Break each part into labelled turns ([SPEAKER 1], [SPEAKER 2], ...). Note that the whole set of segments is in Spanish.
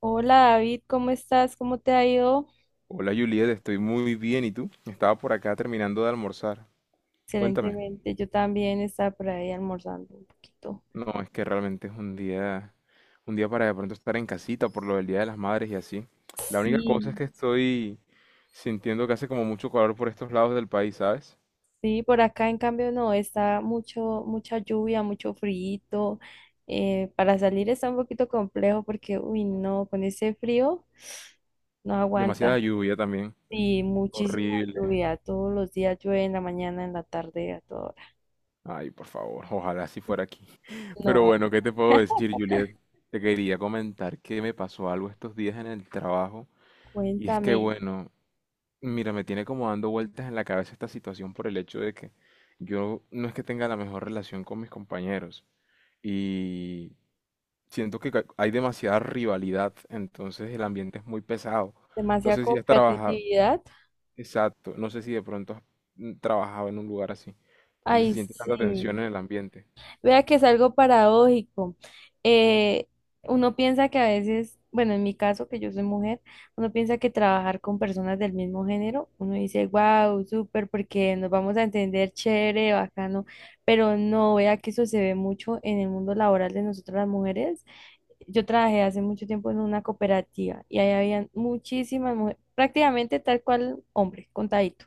[SPEAKER 1] Hola David, ¿cómo estás? ¿Cómo te ha ido?
[SPEAKER 2] Hola Juliet, estoy muy bien. ¿Y tú? Estaba por acá terminando de almorzar. Cuéntame.
[SPEAKER 1] Excelentemente, yo también estaba por ahí almorzando un poquito.
[SPEAKER 2] No, es que realmente es un día para de pronto estar en casita por lo del Día de las Madres y así. La única cosa es
[SPEAKER 1] Sí,
[SPEAKER 2] que estoy sintiendo que hace como mucho calor por estos lados del país, ¿sabes?
[SPEAKER 1] sí, por acá en cambio no, está mucho, mucha lluvia, mucho frío. Para salir está un poquito complejo porque, uy, no, con ese frío no
[SPEAKER 2] Demasiada
[SPEAKER 1] aguanta.
[SPEAKER 2] lluvia también.
[SPEAKER 1] Sí, muchísima
[SPEAKER 2] Horrible.
[SPEAKER 1] lluvia, todos los días llueve en la mañana, en la tarde, a toda hora.
[SPEAKER 2] Ay, por favor, ojalá si fuera aquí. Pero
[SPEAKER 1] No,
[SPEAKER 2] bueno, ¿qué te puedo decir, Juliet? Te quería comentar que me pasó algo estos días en el trabajo. Y es que,
[SPEAKER 1] cuéntame,
[SPEAKER 2] bueno, mira, me tiene como dando vueltas en la cabeza esta situación por el hecho de que yo no es que tenga la mejor relación con mis compañeros y siento que hay demasiada rivalidad, entonces el ambiente es muy pesado. No
[SPEAKER 1] demasiada
[SPEAKER 2] sé si has trabajado,
[SPEAKER 1] competitividad.
[SPEAKER 2] exacto, no sé si de pronto has trabajado en un lugar así, donde se
[SPEAKER 1] Ay,
[SPEAKER 2] siente tanta
[SPEAKER 1] sí.
[SPEAKER 2] tensión en el ambiente.
[SPEAKER 1] Vea que es algo paradójico. Eh, Uno piensa que a veces, bueno, en mi caso, que yo soy mujer, uno piensa que trabajar con personas del mismo género, uno dice, wow, súper, porque nos vamos a entender chévere, bacano, pero no, vea que eso se ve mucho en el mundo laboral de nosotras las mujeres. Yo trabajé hace mucho tiempo en una cooperativa y ahí habían muchísimas mujeres, prácticamente tal cual hombre, contadito.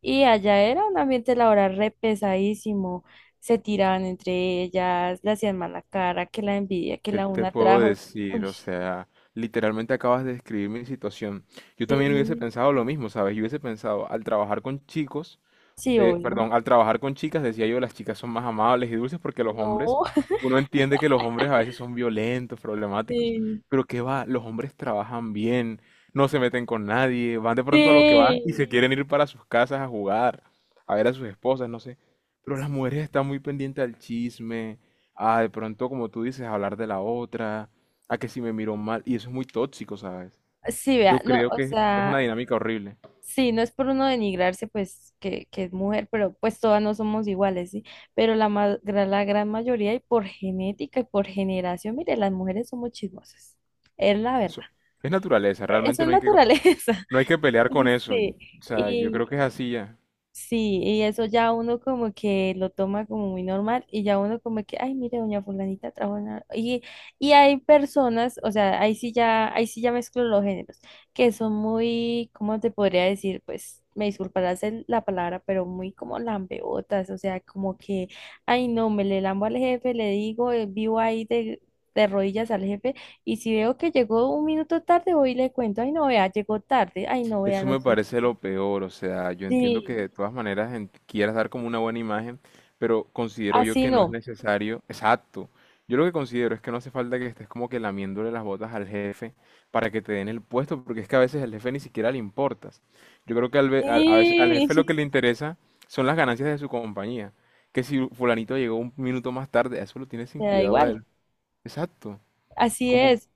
[SPEAKER 1] Y allá era un ambiente laboral re pesadísimo. Se tiraban entre ellas, le hacían mala cara, que la envidia, que
[SPEAKER 2] ¿Qué
[SPEAKER 1] la
[SPEAKER 2] te
[SPEAKER 1] una
[SPEAKER 2] puedo
[SPEAKER 1] trajo.
[SPEAKER 2] decir?
[SPEAKER 1] Uy,
[SPEAKER 2] O sea, literalmente acabas de describir mi situación. Yo también hubiese
[SPEAKER 1] sí,
[SPEAKER 2] pensado lo mismo, ¿sabes? Yo hubiese pensado, al trabajar con chicos,
[SPEAKER 1] sí, obvio.
[SPEAKER 2] perdón, al trabajar con chicas, decía yo, las chicas son más amables y dulces porque los hombres,
[SPEAKER 1] No,
[SPEAKER 2] uno entiende que los hombres a veces son violentos, problemáticos,
[SPEAKER 1] sí,
[SPEAKER 2] pero qué va, los hombres trabajan bien, no se meten con nadie, van de pronto a lo que van y se
[SPEAKER 1] sí.
[SPEAKER 2] quieren ir para sus casas a jugar, a ver a sus esposas, no sé. Pero las mujeres están muy pendientes al chisme, a de pronto, como tú dices, a hablar de la otra, a que si me miro mal, y eso es muy tóxico, ¿sabes?
[SPEAKER 1] Sí, vea,
[SPEAKER 2] Yo
[SPEAKER 1] no,
[SPEAKER 2] creo
[SPEAKER 1] o
[SPEAKER 2] que es una
[SPEAKER 1] sea,
[SPEAKER 2] dinámica horrible.
[SPEAKER 1] sí, no es por uno denigrarse, pues, que es mujer, pero pues todas no somos iguales, ¿sí? Pero la gran mayoría, y por genética y por generación, mire, las mujeres somos chismosas. Es la verdad.
[SPEAKER 2] Eso es naturaleza,
[SPEAKER 1] Es
[SPEAKER 2] realmente
[SPEAKER 1] su
[SPEAKER 2] no hay que...
[SPEAKER 1] naturaleza.
[SPEAKER 2] No hay que pelear con eso.
[SPEAKER 1] Sí,
[SPEAKER 2] O sea, yo
[SPEAKER 1] y
[SPEAKER 2] creo que es así ya.
[SPEAKER 1] sí, y eso ya uno como que lo toma como muy normal y ya uno como que, ay, mire, doña fulanita trabaja en la-". Y hay personas, o sea, ahí sí ya mezclo los géneros, que son muy, ¿cómo te podría decir? Pues, me disculparás la palabra, pero muy como lambeotas, o sea, como que, ay, no, me le lambo al jefe, le digo, vivo ahí de rodillas al jefe y si veo que llegó un minuto tarde voy y le cuento, ay no vea, llegó tarde, ay no vea,
[SPEAKER 2] Eso
[SPEAKER 1] no
[SPEAKER 2] me
[SPEAKER 1] sé
[SPEAKER 2] parece
[SPEAKER 1] qué.
[SPEAKER 2] lo peor. O sea, yo entiendo que
[SPEAKER 1] Sí,
[SPEAKER 2] de todas maneras quieras dar como una buena imagen, pero considero yo
[SPEAKER 1] así
[SPEAKER 2] que no es
[SPEAKER 1] no.
[SPEAKER 2] necesario. Exacto. Yo lo que considero es que no hace falta que estés como que lamiéndole las botas al jefe para que te den el puesto, porque es que a veces al jefe ni siquiera le importas. Yo creo que a veces, al
[SPEAKER 1] Sí,
[SPEAKER 2] jefe lo que le interesa son las ganancias de su compañía. Que si fulanito llegó un minuto más tarde, a eso lo tiene sin
[SPEAKER 1] me da
[SPEAKER 2] cuidado a
[SPEAKER 1] igual.
[SPEAKER 2] él. Exacto.
[SPEAKER 1] Así es.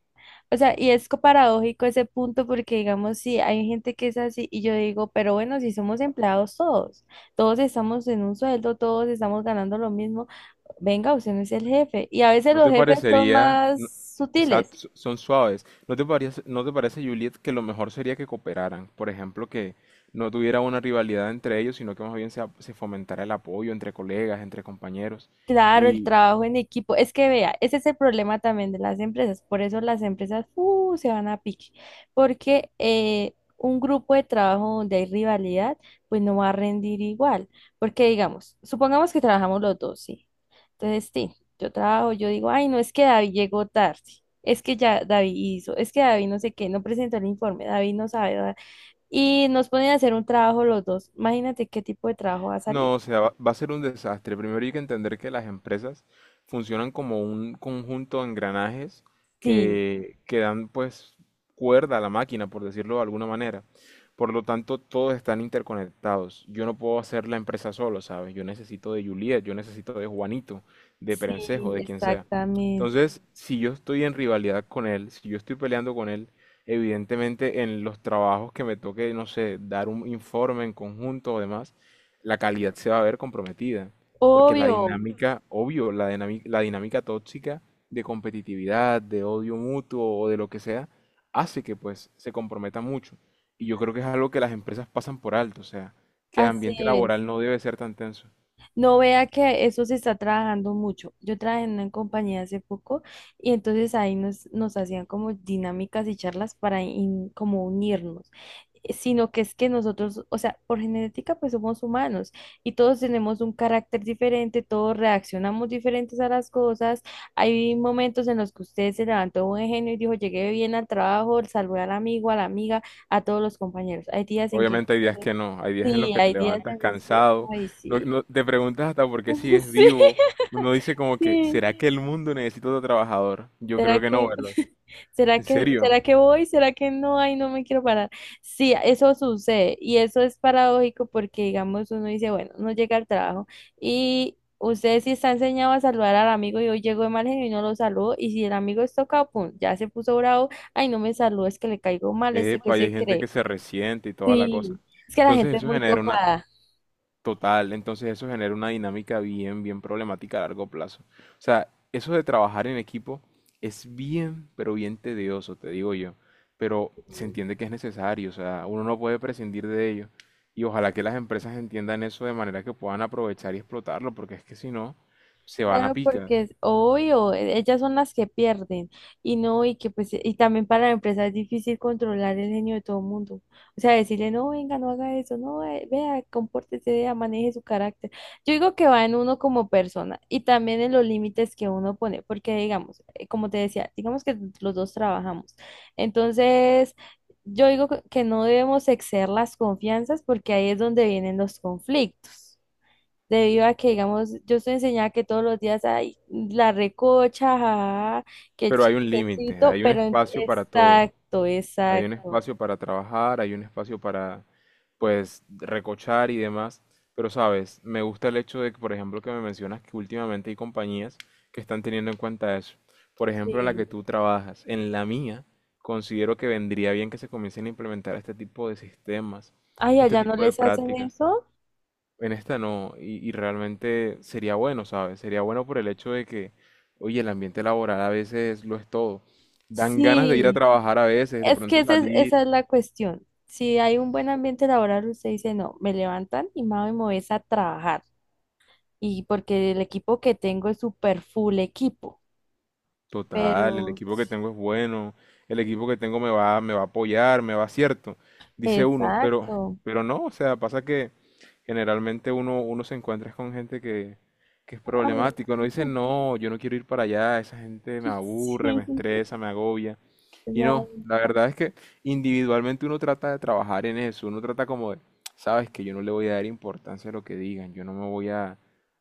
[SPEAKER 1] O sea, y es paradójico ese punto porque, digamos, sí, hay gente que es así y yo digo, pero bueno, si somos empleados todos, todos estamos en un sueldo, todos estamos ganando lo mismo, venga, usted no es el jefe. Y a veces
[SPEAKER 2] ¿No
[SPEAKER 1] los
[SPEAKER 2] te
[SPEAKER 1] jefes son
[SPEAKER 2] parecería, no-
[SPEAKER 1] más sutiles.
[SPEAKER 2] exacto, son suaves, ¿no te parece, Juliet, que lo mejor sería que cooperaran? Por ejemplo, que no tuviera una rivalidad entre ellos, sino que más bien se fomentara el apoyo entre colegas, entre compañeros.
[SPEAKER 1] Claro, el
[SPEAKER 2] Y
[SPEAKER 1] trabajo en equipo. Es que vea, ese es el problema también de las empresas. Por eso las empresas se van a pique. Porque un grupo de trabajo donde hay rivalidad, pues no va a rendir igual. Porque digamos, supongamos que trabajamos los dos, ¿sí? Entonces, sí, yo trabajo, yo digo, ay, no es que David llegó tarde. Es que ya David hizo, es que David no sé qué, no presentó el informe, David no sabe. Y nos ponen a hacer un trabajo los dos. Imagínate qué tipo de trabajo va a salir.
[SPEAKER 2] no, o sea, va a ser un desastre. Primero hay que entender que las empresas funcionan como un conjunto de engranajes
[SPEAKER 1] Sí.
[SPEAKER 2] que dan pues cuerda a la máquina, por decirlo de alguna manera. Por lo tanto, todos están interconectados. Yo no puedo hacer la empresa solo, ¿sabes? Yo necesito de Juliet, yo necesito de Juanito, de Perencejo,
[SPEAKER 1] Sí,
[SPEAKER 2] de quien sea.
[SPEAKER 1] exactamente.
[SPEAKER 2] Entonces, si yo estoy en rivalidad con él, si yo estoy peleando con él, evidentemente en los trabajos que me toque, no sé, dar un informe en conjunto o demás, la calidad se va a ver comprometida, porque la
[SPEAKER 1] Obvio,
[SPEAKER 2] dinámica, obvio, la dinámica tóxica de competitividad, de odio mutuo o de lo que sea, hace que pues se comprometa mucho. Y yo creo que es algo que las empresas pasan por alto, o sea, que el
[SPEAKER 1] así
[SPEAKER 2] ambiente
[SPEAKER 1] es.
[SPEAKER 2] laboral no debe ser tan tenso.
[SPEAKER 1] No vea que eso se está trabajando mucho. Yo trabajé en una compañía hace poco y entonces ahí nos hacían como dinámicas y charlas para como unirnos. Sino que es que nosotros, o sea, por genética pues somos humanos y todos tenemos un carácter diferente, todos reaccionamos diferentes a las cosas. Hay momentos en los que usted se levantó de buen genio y dijo, llegué bien al trabajo, saludé al amigo, a la amiga, a todos los compañeros. Hay días en que...
[SPEAKER 2] Obviamente hay días que no, hay días en los
[SPEAKER 1] Sí,
[SPEAKER 2] que te
[SPEAKER 1] hay días
[SPEAKER 2] levantas
[SPEAKER 1] en los que...
[SPEAKER 2] cansado,
[SPEAKER 1] Ay, sí.
[SPEAKER 2] te preguntas hasta por qué sigues
[SPEAKER 1] Sí,
[SPEAKER 2] vivo, uno dice como que,
[SPEAKER 1] sí.
[SPEAKER 2] ¿será que el mundo necesita otro trabajador? Yo
[SPEAKER 1] ¿Será
[SPEAKER 2] creo que no,
[SPEAKER 1] que,
[SPEAKER 2] ¿verdad? ¿En
[SPEAKER 1] será
[SPEAKER 2] serio?
[SPEAKER 1] que voy? ¿Será que no? Ay, no me quiero parar. Sí, eso sucede y eso es paradójico porque, digamos, uno dice, bueno, no llega al trabajo y usted sí está enseñado a saludar al amigo y hoy llegó de mal genio y no lo saludó y si el amigo es tocado, pum, ya se puso bravo, ay, no me saludó, es que le caigo mal, ese que
[SPEAKER 2] Epa, y hay
[SPEAKER 1] se
[SPEAKER 2] gente que
[SPEAKER 1] cree.
[SPEAKER 2] se resiente y toda la
[SPEAKER 1] Sí,
[SPEAKER 2] cosa.
[SPEAKER 1] es que la
[SPEAKER 2] Entonces
[SPEAKER 1] gente es muy tocada.
[SPEAKER 2] total, entonces eso genera una dinámica bien, bien problemática a largo plazo. O sea, eso de trabajar en equipo es bien, pero bien tedioso, te digo yo. Pero se entiende que es necesario, o sea, uno no puede prescindir de ello. Y ojalá que las empresas entiendan eso de manera que puedan aprovechar y explotarlo, porque es que si no, se van a
[SPEAKER 1] Claro,
[SPEAKER 2] picar.
[SPEAKER 1] porque es obvio, ellas son las que pierden y no, y que pues, y también para la empresa es difícil controlar el genio de todo el mundo. O sea, decirle, no, venga, no haga eso, no, vea, compórtese, vea, maneje su carácter. Yo digo que va en uno como persona y también en los límites que uno pone, porque digamos, como te decía, digamos que los dos trabajamos. Entonces, yo digo que no debemos exceder las confianzas porque ahí es donde vienen los conflictos. Debido a que, digamos, yo estoy enseñada que todos los días hay la recocha, jajaja, que el
[SPEAKER 2] Pero hay un límite,
[SPEAKER 1] chistecito,
[SPEAKER 2] hay un
[SPEAKER 1] pero
[SPEAKER 2] espacio para todo.
[SPEAKER 1] exacto,
[SPEAKER 2] Hay un
[SPEAKER 1] exacto.
[SPEAKER 2] espacio para trabajar, hay un espacio para, pues, recochar y demás. Pero, sabes, me gusta el hecho de que, por ejemplo, que me mencionas que últimamente hay compañías que están teniendo en cuenta eso. Por ejemplo, en la
[SPEAKER 1] Sí.
[SPEAKER 2] que tú trabajas, en la mía, considero que vendría bien que se comiencen a implementar este tipo de sistemas,
[SPEAKER 1] Ay,
[SPEAKER 2] este
[SPEAKER 1] allá no
[SPEAKER 2] tipo de
[SPEAKER 1] les hacen
[SPEAKER 2] prácticas.
[SPEAKER 1] eso.
[SPEAKER 2] En esta no, y realmente sería bueno, ¿sabes? Sería bueno por el hecho de que, oye, el ambiente laboral a veces lo es todo. Dan ganas de ir a
[SPEAKER 1] Sí,
[SPEAKER 2] trabajar a veces, de
[SPEAKER 1] es que
[SPEAKER 2] pronto
[SPEAKER 1] esa
[SPEAKER 2] salir,
[SPEAKER 1] es la cuestión. Si hay un buen ambiente laboral, usted dice, no, me levantan y mami, me voy a trabajar. Y porque el equipo que tengo es super full equipo.
[SPEAKER 2] total, el
[SPEAKER 1] Pero,
[SPEAKER 2] equipo que tengo es bueno, el equipo que tengo me va a apoyar, me va cierto, dice uno,
[SPEAKER 1] exacto.
[SPEAKER 2] pero no, o sea, pasa que generalmente uno se encuentra con gente que es
[SPEAKER 1] Ay,
[SPEAKER 2] problemático, no dice, no, yo no quiero ir para allá, esa gente me aburre,
[SPEAKER 1] sí.
[SPEAKER 2] me estresa, me agobia, y no, la verdad es que individualmente uno trata de trabajar en eso, uno trata como de, sabes que yo no le voy a dar importancia a lo que digan, yo no me voy a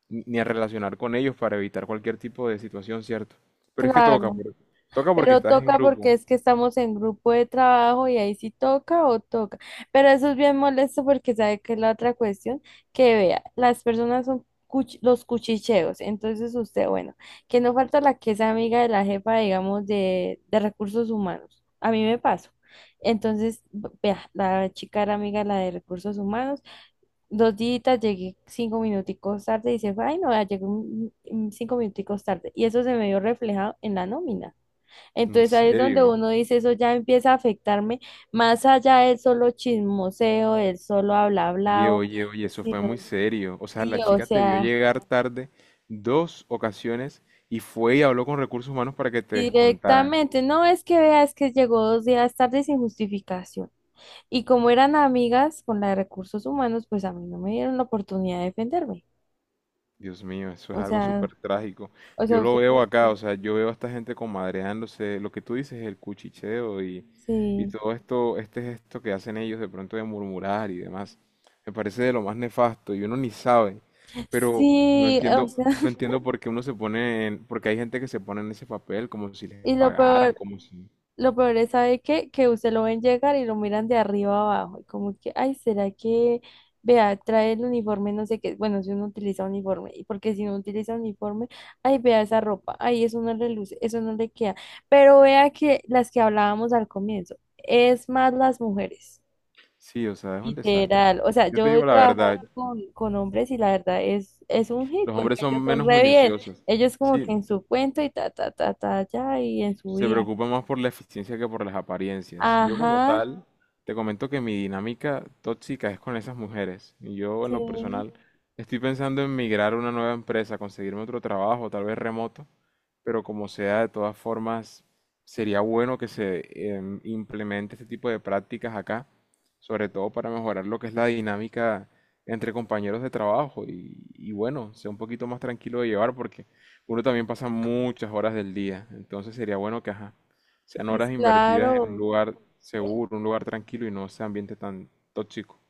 [SPEAKER 2] ni a relacionar con ellos para evitar cualquier tipo de situación, ¿cierto? Pero es que toca,
[SPEAKER 1] Claro,
[SPEAKER 2] toca porque
[SPEAKER 1] pero
[SPEAKER 2] estás en
[SPEAKER 1] toca porque
[SPEAKER 2] grupo.
[SPEAKER 1] es que estamos en grupo de trabajo y ahí sí toca o toca. Pero eso es bien molesto porque sabe que es la otra cuestión, que vea, las personas son los cuchicheos. Entonces usted, bueno, que no falta la que es amiga de la jefa, digamos, de recursos humanos. A mí me pasó. Entonces, vea, la chica era amiga de la de recursos humanos. Dos días llegué cinco minuticos tarde y se fue, ay no, vea, llegué cinco minuticos tarde. Y eso se me vio reflejado en la nómina.
[SPEAKER 2] En
[SPEAKER 1] Entonces ahí es donde
[SPEAKER 2] serio.
[SPEAKER 1] uno dice, eso ya empieza a afectarme, más allá del solo chismoseo, del solo habla
[SPEAKER 2] Oye,
[SPEAKER 1] hablao,
[SPEAKER 2] oye, oye, eso fue
[SPEAKER 1] sino,
[SPEAKER 2] muy serio. O sea,
[SPEAKER 1] sí,
[SPEAKER 2] la
[SPEAKER 1] o
[SPEAKER 2] chica te vio
[SPEAKER 1] sea,
[SPEAKER 2] llegar tarde dos ocasiones y fue y habló con recursos humanos para que te descontaran.
[SPEAKER 1] directamente, no es que vea, es que llegó dos días tarde sin justificación. Y como eran amigas con la de recursos humanos, pues a mí no me dieron la oportunidad de defenderme.
[SPEAKER 2] Dios mío, eso es
[SPEAKER 1] O
[SPEAKER 2] algo
[SPEAKER 1] sea,
[SPEAKER 2] súper trágico. Yo lo
[SPEAKER 1] usted,
[SPEAKER 2] veo acá, o sea, yo veo a esta gente comadreándose, lo que tú dices es el cuchicheo y
[SPEAKER 1] sí,
[SPEAKER 2] todo esto, este gesto que hacen ellos de pronto de murmurar y demás. Me parece de lo más nefasto y uno ni sabe, pero no
[SPEAKER 1] sí, o
[SPEAKER 2] entiendo,
[SPEAKER 1] sea,
[SPEAKER 2] no entiendo por qué uno se pone en, porque hay gente que se pone en ese papel como si les
[SPEAKER 1] y lo
[SPEAKER 2] pagaran,
[SPEAKER 1] peor.
[SPEAKER 2] como si...
[SPEAKER 1] Lo peor es, ¿sabe qué? Que usted lo ven llegar y lo miran de arriba abajo. Y como que, ay, ¿será que, vea, trae el uniforme, no sé qué? Bueno, si uno utiliza uniforme. Y porque si no utiliza uniforme, ay, vea esa ropa. Ay, eso no le luce, eso no le queda. Pero vea que las que hablábamos al comienzo, es más las mujeres.
[SPEAKER 2] Sí, o sea, es un desastre.
[SPEAKER 1] Literal. O sea,
[SPEAKER 2] Yo te
[SPEAKER 1] yo he
[SPEAKER 2] digo la
[SPEAKER 1] trabajado
[SPEAKER 2] verdad,
[SPEAKER 1] con hombres y la verdad es un hit
[SPEAKER 2] los
[SPEAKER 1] porque
[SPEAKER 2] hombres son
[SPEAKER 1] ellos son
[SPEAKER 2] menos
[SPEAKER 1] re bien.
[SPEAKER 2] minuciosos.
[SPEAKER 1] Ellos como que
[SPEAKER 2] Sí,
[SPEAKER 1] en su cuento y ta, ta, ta, ta, ya, y en su
[SPEAKER 2] se
[SPEAKER 1] vida.
[SPEAKER 2] preocupa más por la eficiencia que por las apariencias. Yo como
[SPEAKER 1] Ajá.
[SPEAKER 2] tal, te comento que mi dinámica tóxica es con esas mujeres. Y yo en
[SPEAKER 1] Sí,
[SPEAKER 2] lo personal estoy pensando en migrar a una nueva empresa, conseguirme otro trabajo, tal vez remoto, pero como sea, de todas formas, sería bueno que se implemente este tipo de prácticas acá, sobre todo para mejorar lo que es la dinámica entre compañeros de trabajo y bueno, sea un poquito más tranquilo de llevar porque... Uno también pasa muchas horas del día, entonces sería bueno que, ajá, sean
[SPEAKER 1] pues
[SPEAKER 2] horas invertidas en un
[SPEAKER 1] claro,
[SPEAKER 2] lugar seguro, un lugar tranquilo y no ese ambiente tan tóxico.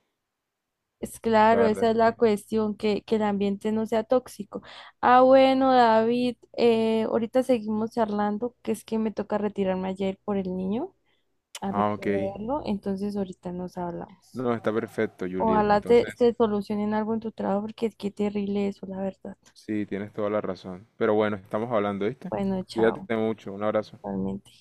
[SPEAKER 1] es
[SPEAKER 2] La
[SPEAKER 1] claro,
[SPEAKER 2] verdad
[SPEAKER 1] esa
[SPEAKER 2] es
[SPEAKER 1] es la
[SPEAKER 2] que...
[SPEAKER 1] cuestión, que el ambiente no sea tóxico. Ah, bueno, David, ahorita seguimos charlando, que es que me toca retirarme ayer por el niño a
[SPEAKER 2] Ah, ok.
[SPEAKER 1] recogerlo, entonces ahorita nos hablamos.
[SPEAKER 2] No, está perfecto, Juliet.
[SPEAKER 1] Ojalá
[SPEAKER 2] Entonces,
[SPEAKER 1] te solucionen algo en tu trabajo, porque qué terrible eso, la verdad.
[SPEAKER 2] sí, tienes toda la razón. Pero bueno, estamos hablando, ¿viste?
[SPEAKER 1] Bueno, chao,
[SPEAKER 2] Cuídate mucho. Un abrazo.
[SPEAKER 1] realmente.